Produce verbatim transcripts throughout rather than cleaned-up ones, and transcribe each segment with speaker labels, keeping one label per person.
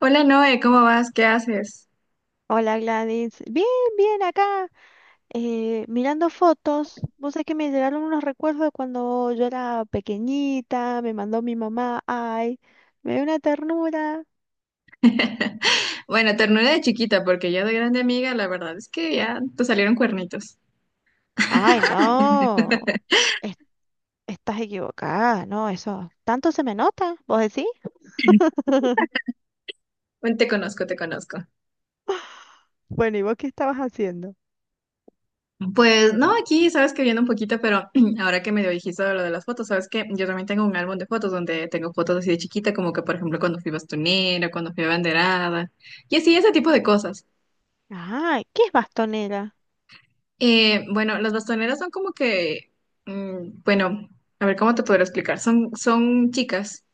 Speaker 1: Hola Noé, ¿cómo vas? ¿Qué haces?
Speaker 2: Hola Gladys, bien, bien acá, eh, mirando fotos. Vos sabés que me llegaron unos recuerdos de cuando yo era pequeñita, me mandó mi mamá, ay, me dio una ternura.
Speaker 1: Bueno, ternura de chiquita, porque ya de grande amiga, la verdad es que ya te salieron cuernitos.
Speaker 2: Ay, no, es- estás equivocada, no, eso, tanto se me nota, ¿vos decís?
Speaker 1: Bueno, te conozco, te conozco.
Speaker 2: Bueno, ¿y vos qué estabas haciendo?
Speaker 1: Pues no, aquí sabes que viendo un poquito, pero ahora que me dijiste lo de las fotos, sabes que yo también tengo un álbum de fotos donde tengo fotos así de chiquita, como que por ejemplo cuando fui bastonera, cuando fui banderada, y así ese tipo de cosas.
Speaker 2: Ah, ¿qué es bastonera?
Speaker 1: Eh, bueno, las bastoneras son como que, mm, bueno, a ver cómo te podré explicar, son, son chicas.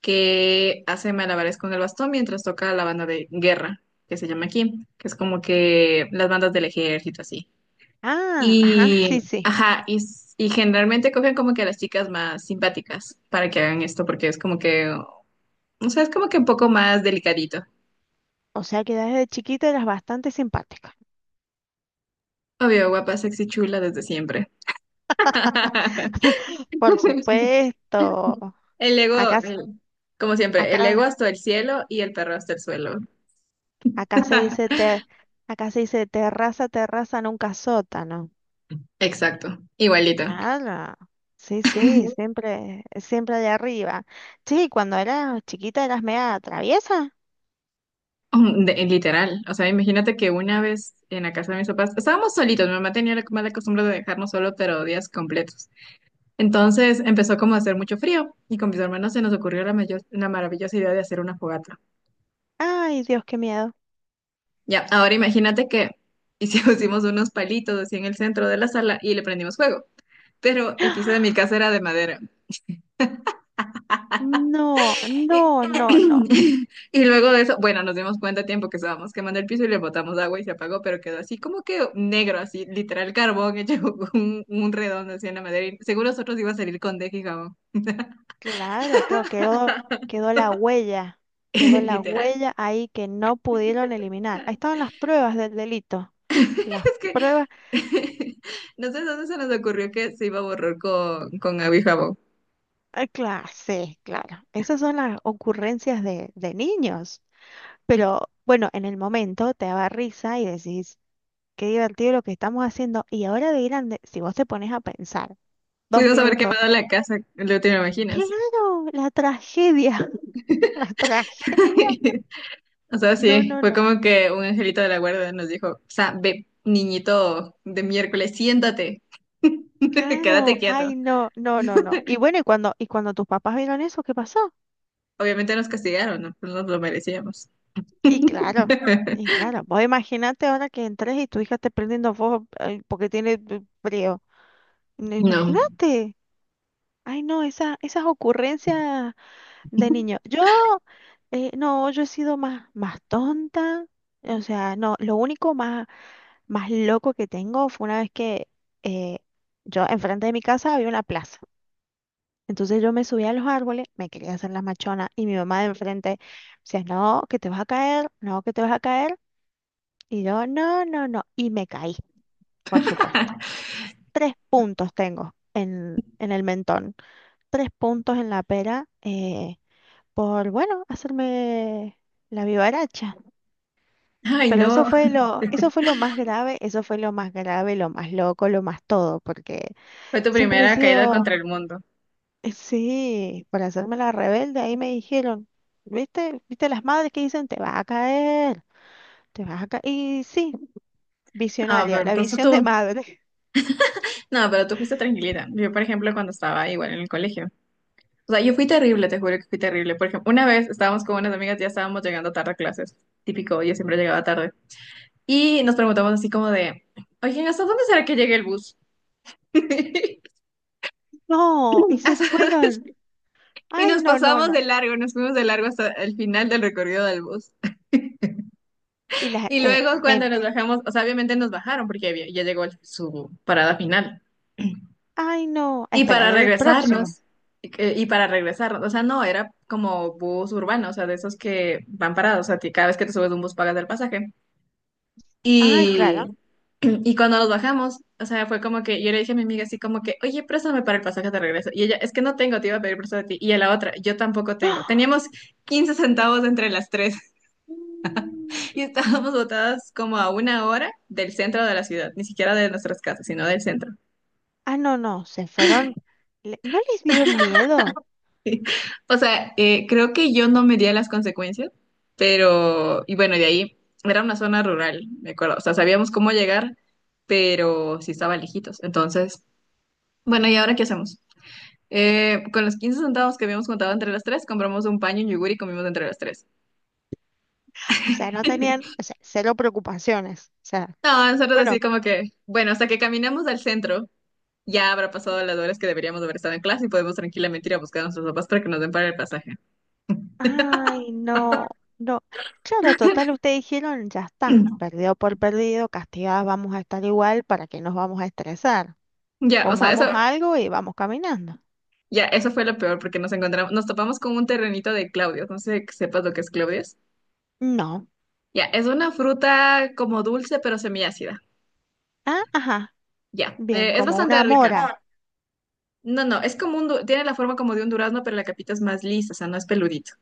Speaker 1: Que hace malabares con el bastón mientras toca la banda de guerra, que se llama aquí, que es como que las bandas del ejército, así.
Speaker 2: Ah, ajá,
Speaker 1: Y,
Speaker 2: sí, sí.
Speaker 1: ajá, y, s- y generalmente cogen como que a las chicas más simpáticas para que hagan esto, porque es como que, o sea, es como que un poco más delicadito.
Speaker 2: O sea que desde chiquita eras bastante simpática.
Speaker 1: Obvio, guapa, sexy, chula desde siempre.
Speaker 2: Por supuesto.
Speaker 1: El ego,
Speaker 2: Acá
Speaker 1: el- como siempre, el ego
Speaker 2: Acá,
Speaker 1: hasta el cielo y el perro hasta el suelo.
Speaker 2: acá se dice ter- acá se dice terraza, terraza, nunca sótano.
Speaker 1: Exacto, igualito.
Speaker 2: Claro. Sí, sí, siempre, siempre de arriba. Sí, cuando eras chiquita eras media traviesa.
Speaker 1: Um, de- literal, o sea, imagínate que una vez en la casa de mis papás, estábamos solitos, mi mamá tenía la mala costumbre de dejarnos solo, pero días completos. Entonces empezó como a hacer mucho frío y con mis hermanos se nos ocurrió la, mayor, la maravillosa idea de hacer una fogata.
Speaker 2: Ay, Dios, qué miedo.
Speaker 1: Ya, ahora imagínate que hicimos pusimos unos palitos así en el centro de la sala y le prendimos fuego, pero el piso de mi casa era de madera.
Speaker 2: No,
Speaker 1: Y,
Speaker 2: no, no, no.
Speaker 1: y luego de eso, bueno, nos dimos cuenta a tiempo que estábamos quemando el piso y le botamos agua y se apagó, pero quedó así como que negro, así, literal carbón hecho un, un redondo así en la madera. Y seguro nosotros iba a salir con deje y jabón.
Speaker 2: Claro, claro, quedó, quedó la huella. Quedó la
Speaker 1: Literal.
Speaker 2: huella ahí que no pudieron eliminar. Ahí estaban las pruebas del delito. Las
Speaker 1: Es que
Speaker 2: pruebas.
Speaker 1: no sé dónde se nos ocurrió que se iba a borrar con, con agua y jabón.
Speaker 2: Claro, sí, claro. Esas son las ocurrencias de, de niños. Pero bueno, en el momento te daba risa y decís, qué divertido lo que estamos haciendo. Y ahora de grande, si vos te pones a pensar dos
Speaker 1: Pudimos haber
Speaker 2: minutos,
Speaker 1: quemado la casa, lo te imaginas.
Speaker 2: claro, la tragedia, la tragedia.
Speaker 1: O sea,
Speaker 2: No,
Speaker 1: sí,
Speaker 2: no,
Speaker 1: fue
Speaker 2: no.
Speaker 1: como que un angelito de la guarda nos dijo, o sea, ve, niñito de miércoles, siéntate,
Speaker 2: Claro,
Speaker 1: quédate quieto.
Speaker 2: ay, no, no, no, no. Y bueno, y cuando, y cuando tus papás vieron eso, ¿qué pasó?
Speaker 1: Obviamente nos castigaron, no. No nos lo merecíamos.
Speaker 2: Y claro, y claro, vos imaginate ahora que entres y tu hija esté prendiendo fuego eh, porque tiene eh, frío. No,
Speaker 1: No.
Speaker 2: imagínate. Ay, no, esa, esas ocurrencias de niño. Yo, eh, no, yo he sido más, más tonta. O sea, no, lo único más, más loco que tengo fue una vez que eh, yo, enfrente de mi casa había una plaza. Entonces yo me subí a los árboles, me quería hacer la machona y mi mamá de enfrente decía, no, que te vas a caer, no, que te vas a caer. Y yo, no, no, no. Y me caí, por supuesto. Tres puntos tengo en, en el mentón, tres puntos en la pera. Eh, por, bueno, hacerme la vivaracha.
Speaker 1: Ay,
Speaker 2: Pero
Speaker 1: no,
Speaker 2: eso fue lo, eso fue lo más grave, eso fue lo más grave, lo más loco, lo más todo, porque
Speaker 1: fue tu
Speaker 2: siempre he
Speaker 1: primera caída
Speaker 2: sido,
Speaker 1: contra el mundo.
Speaker 2: eh, sí, por hacerme la rebelde, ahí me dijeron, ¿viste? ¿Viste las madres que dicen, te vas a caer, te vas a caer? Y sí,
Speaker 1: Ah,
Speaker 2: visionaria,
Speaker 1: pero
Speaker 2: la
Speaker 1: entonces
Speaker 2: visión de
Speaker 1: tú,
Speaker 2: madre.
Speaker 1: no, pero tú fuiste tranquilita. Yo, por ejemplo, cuando estaba igual en el colegio. O sea, yo fui terrible, te juro que fui terrible. Por ejemplo, una vez estábamos con unas amigas, ya estábamos llegando tarde a clases. Típico, yo siempre llegaba tarde. Y nos preguntamos así como de, oye, ¿hasta dónde será que llegue el bus?
Speaker 2: No, y se
Speaker 1: Hasta-
Speaker 2: fueron.
Speaker 1: Y
Speaker 2: Ay,
Speaker 1: nos
Speaker 2: no, no,
Speaker 1: pasamos
Speaker 2: no.
Speaker 1: de largo, nos fuimos de largo hasta el final del recorrido del bus.
Speaker 2: Y las,
Speaker 1: Y
Speaker 2: eh,
Speaker 1: luego cuando
Speaker 2: me-
Speaker 1: nos bajamos, o sea, obviamente nos bajaron porque había- ya llegó el- su parada final.
Speaker 2: ay, no, a
Speaker 1: Y
Speaker 2: esperar
Speaker 1: para
Speaker 2: el próximo.
Speaker 1: regresarnos, y que- y para regresarnos, o sea, no, era como bus urbano, o sea, de esos que van parados, o sea, que cada vez que te subes a un bus pagas el pasaje.
Speaker 2: Ay,
Speaker 1: Y
Speaker 2: claro.
Speaker 1: Y cuando nos bajamos, o sea, fue como que yo le dije a mi amiga así como que, oye, préstame para el pasaje de regreso. Y ella, es que no tengo, te iba a pedir prestado a ti. Y a la otra, yo tampoco tengo. Teníamos quince centavos entre las tres. Y estábamos botadas como a una hora del centro de la ciudad, ni siquiera de nuestras casas, sino del centro.
Speaker 2: Ah, no, no, se fueron, le- no les dio miedo,
Speaker 1: O sea, eh, creo que yo no medía las consecuencias, pero, y bueno, de ahí era una zona rural, me acuerdo. O sea, sabíamos cómo llegar, pero sí estaba lejitos. Entonces, bueno, ¿y ahora qué hacemos? Eh, con los quince centavos que habíamos juntado entre las tres, compramos un paño, y un yogur y comimos entre las tres.
Speaker 2: o sea, no tenían, o sea, cero preocupaciones, o sea,
Speaker 1: No, nosotros
Speaker 2: bueno,
Speaker 1: así como que, bueno, hasta que caminemos al centro, ya habrá pasado las horas que deberíamos haber estado en clase y podemos tranquilamente ir a buscar a nuestros papás para que nos den para el pasaje.
Speaker 2: ay, no, no, claro, total, ustedes dijeron, ya está, perdido por perdido, castigadas vamos a estar igual, ¿para que nos vamos a estresar?
Speaker 1: Ya, o sea, eso,
Speaker 2: Comamos algo y vamos caminando.
Speaker 1: ya, eso fue lo peor porque nos encontramos, nos topamos con un terrenito de Claudios. No sé que sepas lo que es Claudios.
Speaker 2: No,
Speaker 1: Ya, es una fruta como dulce pero semiácida.
Speaker 2: ah, ajá,
Speaker 1: Ya,
Speaker 2: bien,
Speaker 1: eh, es
Speaker 2: como
Speaker 1: bastante
Speaker 2: una mora,
Speaker 1: rica. No, no, es como un, du- tiene la forma como de un durazno, pero la capita es más lisa, o sea, no es peludito.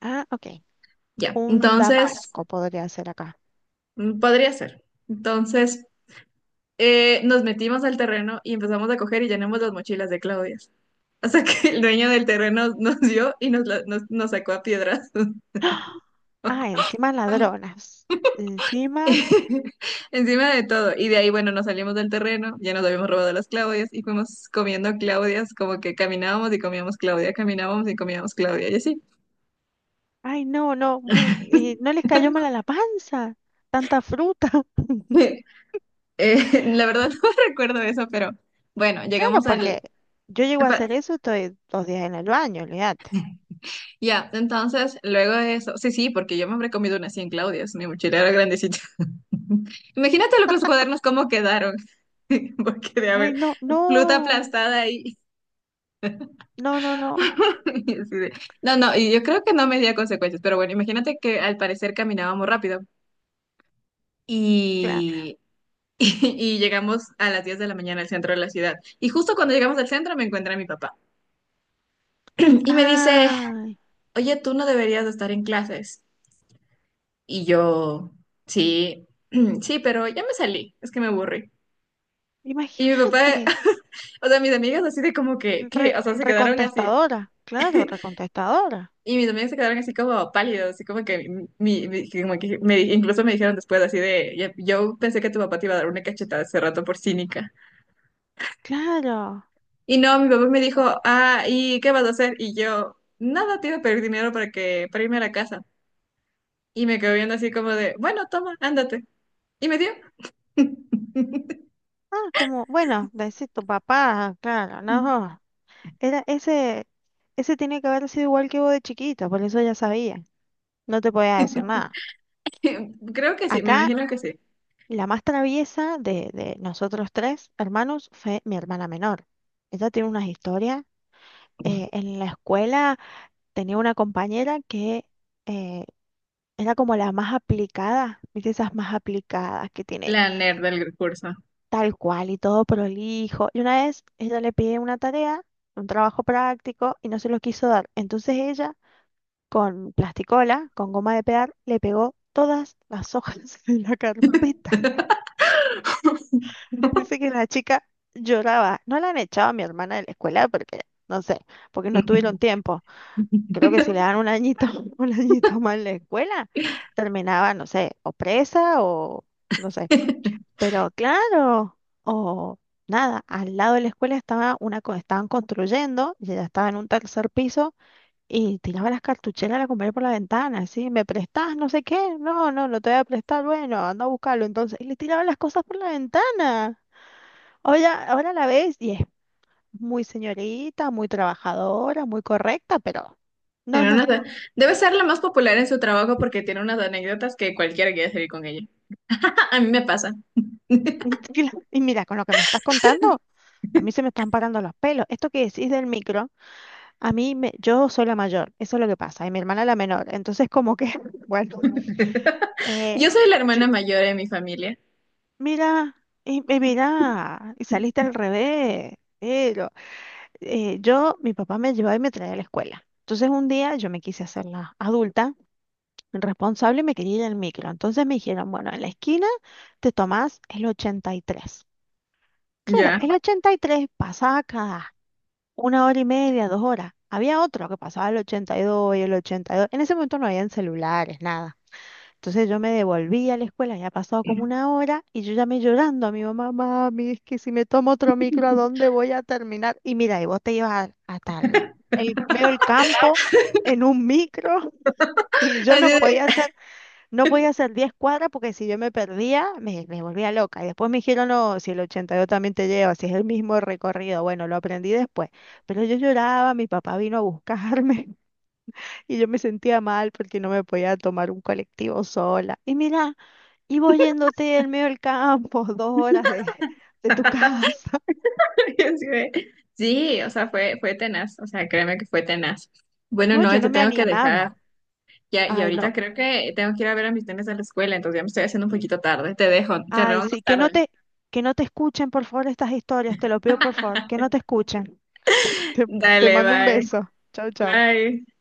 Speaker 2: ah, ok,
Speaker 1: Ya,
Speaker 2: un
Speaker 1: entonces,
Speaker 2: damasco podría ser acá.
Speaker 1: mm, podría ser. Entonces, eh, nos metimos al terreno y empezamos a coger y llenamos las mochilas de claudias. Hasta que el dueño del terreno nos dio y nos, la- nos, nos sacó a piedras.
Speaker 2: Ah, Ah, encima ladronas, encima.
Speaker 1: Encima de todo. Y de ahí, bueno, nos salimos del terreno, ya nos habíamos robado las Claudias y fuimos comiendo Claudias, como que caminábamos y comíamos Claudia, caminábamos y comíamos Claudia, y así.
Speaker 2: Ay, no, no, bueno, eh, no les cayó mal a la panza, tanta fruta.
Speaker 1: Eh, la verdad no recuerdo eso, pero bueno,
Speaker 2: Claro,
Speaker 1: llegamos
Speaker 2: porque
Speaker 1: al...
Speaker 2: yo llego a hacer eso, estoy dos días en el baño, olvídate.
Speaker 1: Ya, entonces, luego de eso, sí, sí, porque yo me habré comido unas cien Claudias, mi mochila era grandecita. Imagínate lo que los cuadernos cómo quedaron, porque de
Speaker 2: Ay,
Speaker 1: haber
Speaker 2: no,
Speaker 1: fruta
Speaker 2: no,
Speaker 1: aplastada ahí.
Speaker 2: no, no, no.
Speaker 1: y así de- No, no, y yo creo que no me di a consecuencias, pero bueno, imagínate que al parecer caminábamos rápido
Speaker 2: Claro.
Speaker 1: y, y llegamos a las diez de la mañana al centro de la ciudad. Y justo cuando llegamos al centro me encuentra mi papá y me dice,
Speaker 2: Ay,
Speaker 1: oye, tú no deberías de estar en clases. Y yo, sí, sí, pero ya me salí, es que me aburrí. Y mi papá,
Speaker 2: imagínate,
Speaker 1: o sea, mis amigas así de como que, que,
Speaker 2: re-
Speaker 1: o sea, se quedaron así.
Speaker 2: recontestadora, claro, recontestadora,
Speaker 1: Y mis amigas se quedaron así como pálidos, así como que, mi, mi- que como que me, incluso me dijeron después así de, "Ya- yo pensé que tu papá te iba a dar una cachetada hace rato por cínica.
Speaker 2: claro.
Speaker 1: Y no, mi papá me dijo, ah, ¿y qué vas a hacer? Y yo, nada, te iba a pedir dinero para que, para irme a la casa. Y me quedó viendo así como de, bueno, toma, ándate. Y me dio.
Speaker 2: Ah, como, bueno, decir tu papá, claro, no. Era ese, ese tiene que haber sido igual que vos de chiquita, por eso ya sabía. No te podía decir nada.
Speaker 1: Creo que sí, me
Speaker 2: Acá,
Speaker 1: imagino que sí.
Speaker 2: la más traviesa de, de nosotros tres hermanos fue mi hermana menor. Ella tiene unas historias. Eh, en la escuela tenía una compañera que eh, era como la más aplicada, ¿viste? Esas más aplicadas que tiene
Speaker 1: La nerd del curso.
Speaker 2: tal cual y todo prolijo. Y una vez ella le pide una tarea, un trabajo práctico, y no se lo quiso dar. Entonces ella, con plasticola, con goma de pegar, le pegó todas las hojas de la carpeta. Dice que la chica lloraba. No la han echado a mi hermana de la escuela porque, no sé, porque no tuvieron tiempo. Creo que si le dan un añito, un añito más en la escuela, terminaba, no sé, o presa o no sé. Pero claro, o nada, al lado de la escuela estaba una, co- estaban construyendo y ella estaba en un tercer piso y tiraba las cartucheras a la comer por la ventana, así, ¿me prestás? No sé qué. No, no, no te voy a prestar. Bueno, anda a buscarlo. Entonces, y le tiraba las cosas por la ventana. Ahora, ahora la ves y es muy señorita, muy trabajadora, muy correcta, pero no,
Speaker 1: Tiene
Speaker 2: no.
Speaker 1: unas- Debe ser la más popular en su trabajo porque tiene unas anécdotas que cualquiera quiere salir con ella. A mí me pasa.
Speaker 2: Y mira, con lo que me estás contando, a mí se me están parando los pelos. Esto que decís del micro, a mí me, yo soy la mayor, eso es lo que pasa, y mi hermana la menor. Entonces, como que, bueno, eh,
Speaker 1: Yo soy la
Speaker 2: yo-
Speaker 1: hermana mayor de mi familia.
Speaker 2: mira, y, y mira, y saliste al revés. Pero eh, yo, mi papá me llevaba y me traía a la escuela. Entonces, un día yo me quise hacer la adulta. El responsable y me quería ir al micro. Entonces me dijeron, bueno, en la esquina te tomás el ochenta y tres. Claro,
Speaker 1: Ya.
Speaker 2: el ochenta y tres pasaba cada una hora y media, dos horas. Había otro que pasaba el ochenta y dos y dos y el ochenta y dos. En ese momento no habían celulares, nada. Entonces yo me devolví a la escuela, ya pasado como una hora, y yo llamé llorando a mi mamá, mami, es que si me tomo otro micro, ¿a dónde voy a terminar? Y mira, y vos te ibas a- hasta el el medio del campo en un micro y yo
Speaker 1: Así
Speaker 2: no
Speaker 1: de-
Speaker 2: podía hacer no podía hacer diez cuadras porque si yo me perdía, me, me volvía loca. Y después me dijeron, no, si el ochenta y dos también te lleva, si es el mismo recorrido. Bueno, lo aprendí después. Pero yo lloraba, mi papá vino a buscarme y yo me sentía mal porque no me podía tomar un colectivo sola. Y mira, y vos yéndote en medio del campo, dos horas de, de tu casa.
Speaker 1: y así de- Sí, o sea, fue, fue tenaz. O sea, créeme que fue tenaz. Bueno,
Speaker 2: No,
Speaker 1: no,
Speaker 2: yo
Speaker 1: te
Speaker 2: no me
Speaker 1: tengo que dejar.
Speaker 2: animaba.
Speaker 1: Ya, y
Speaker 2: Ay, no.
Speaker 1: ahorita creo que tengo que ir a ver a mis nenes a la escuela, entonces ya me estoy haciendo un poquito tarde. Te dejo, te
Speaker 2: Ay,
Speaker 1: vemos
Speaker 2: sí,
Speaker 1: más
Speaker 2: que no
Speaker 1: tarde.
Speaker 2: te, que no te escuchen, por favor, estas historias. Te lo pido, por favor, que no te escuchen. Te, te
Speaker 1: Dale,
Speaker 2: mando un
Speaker 1: bye.
Speaker 2: beso. Chao, chao.
Speaker 1: Bye.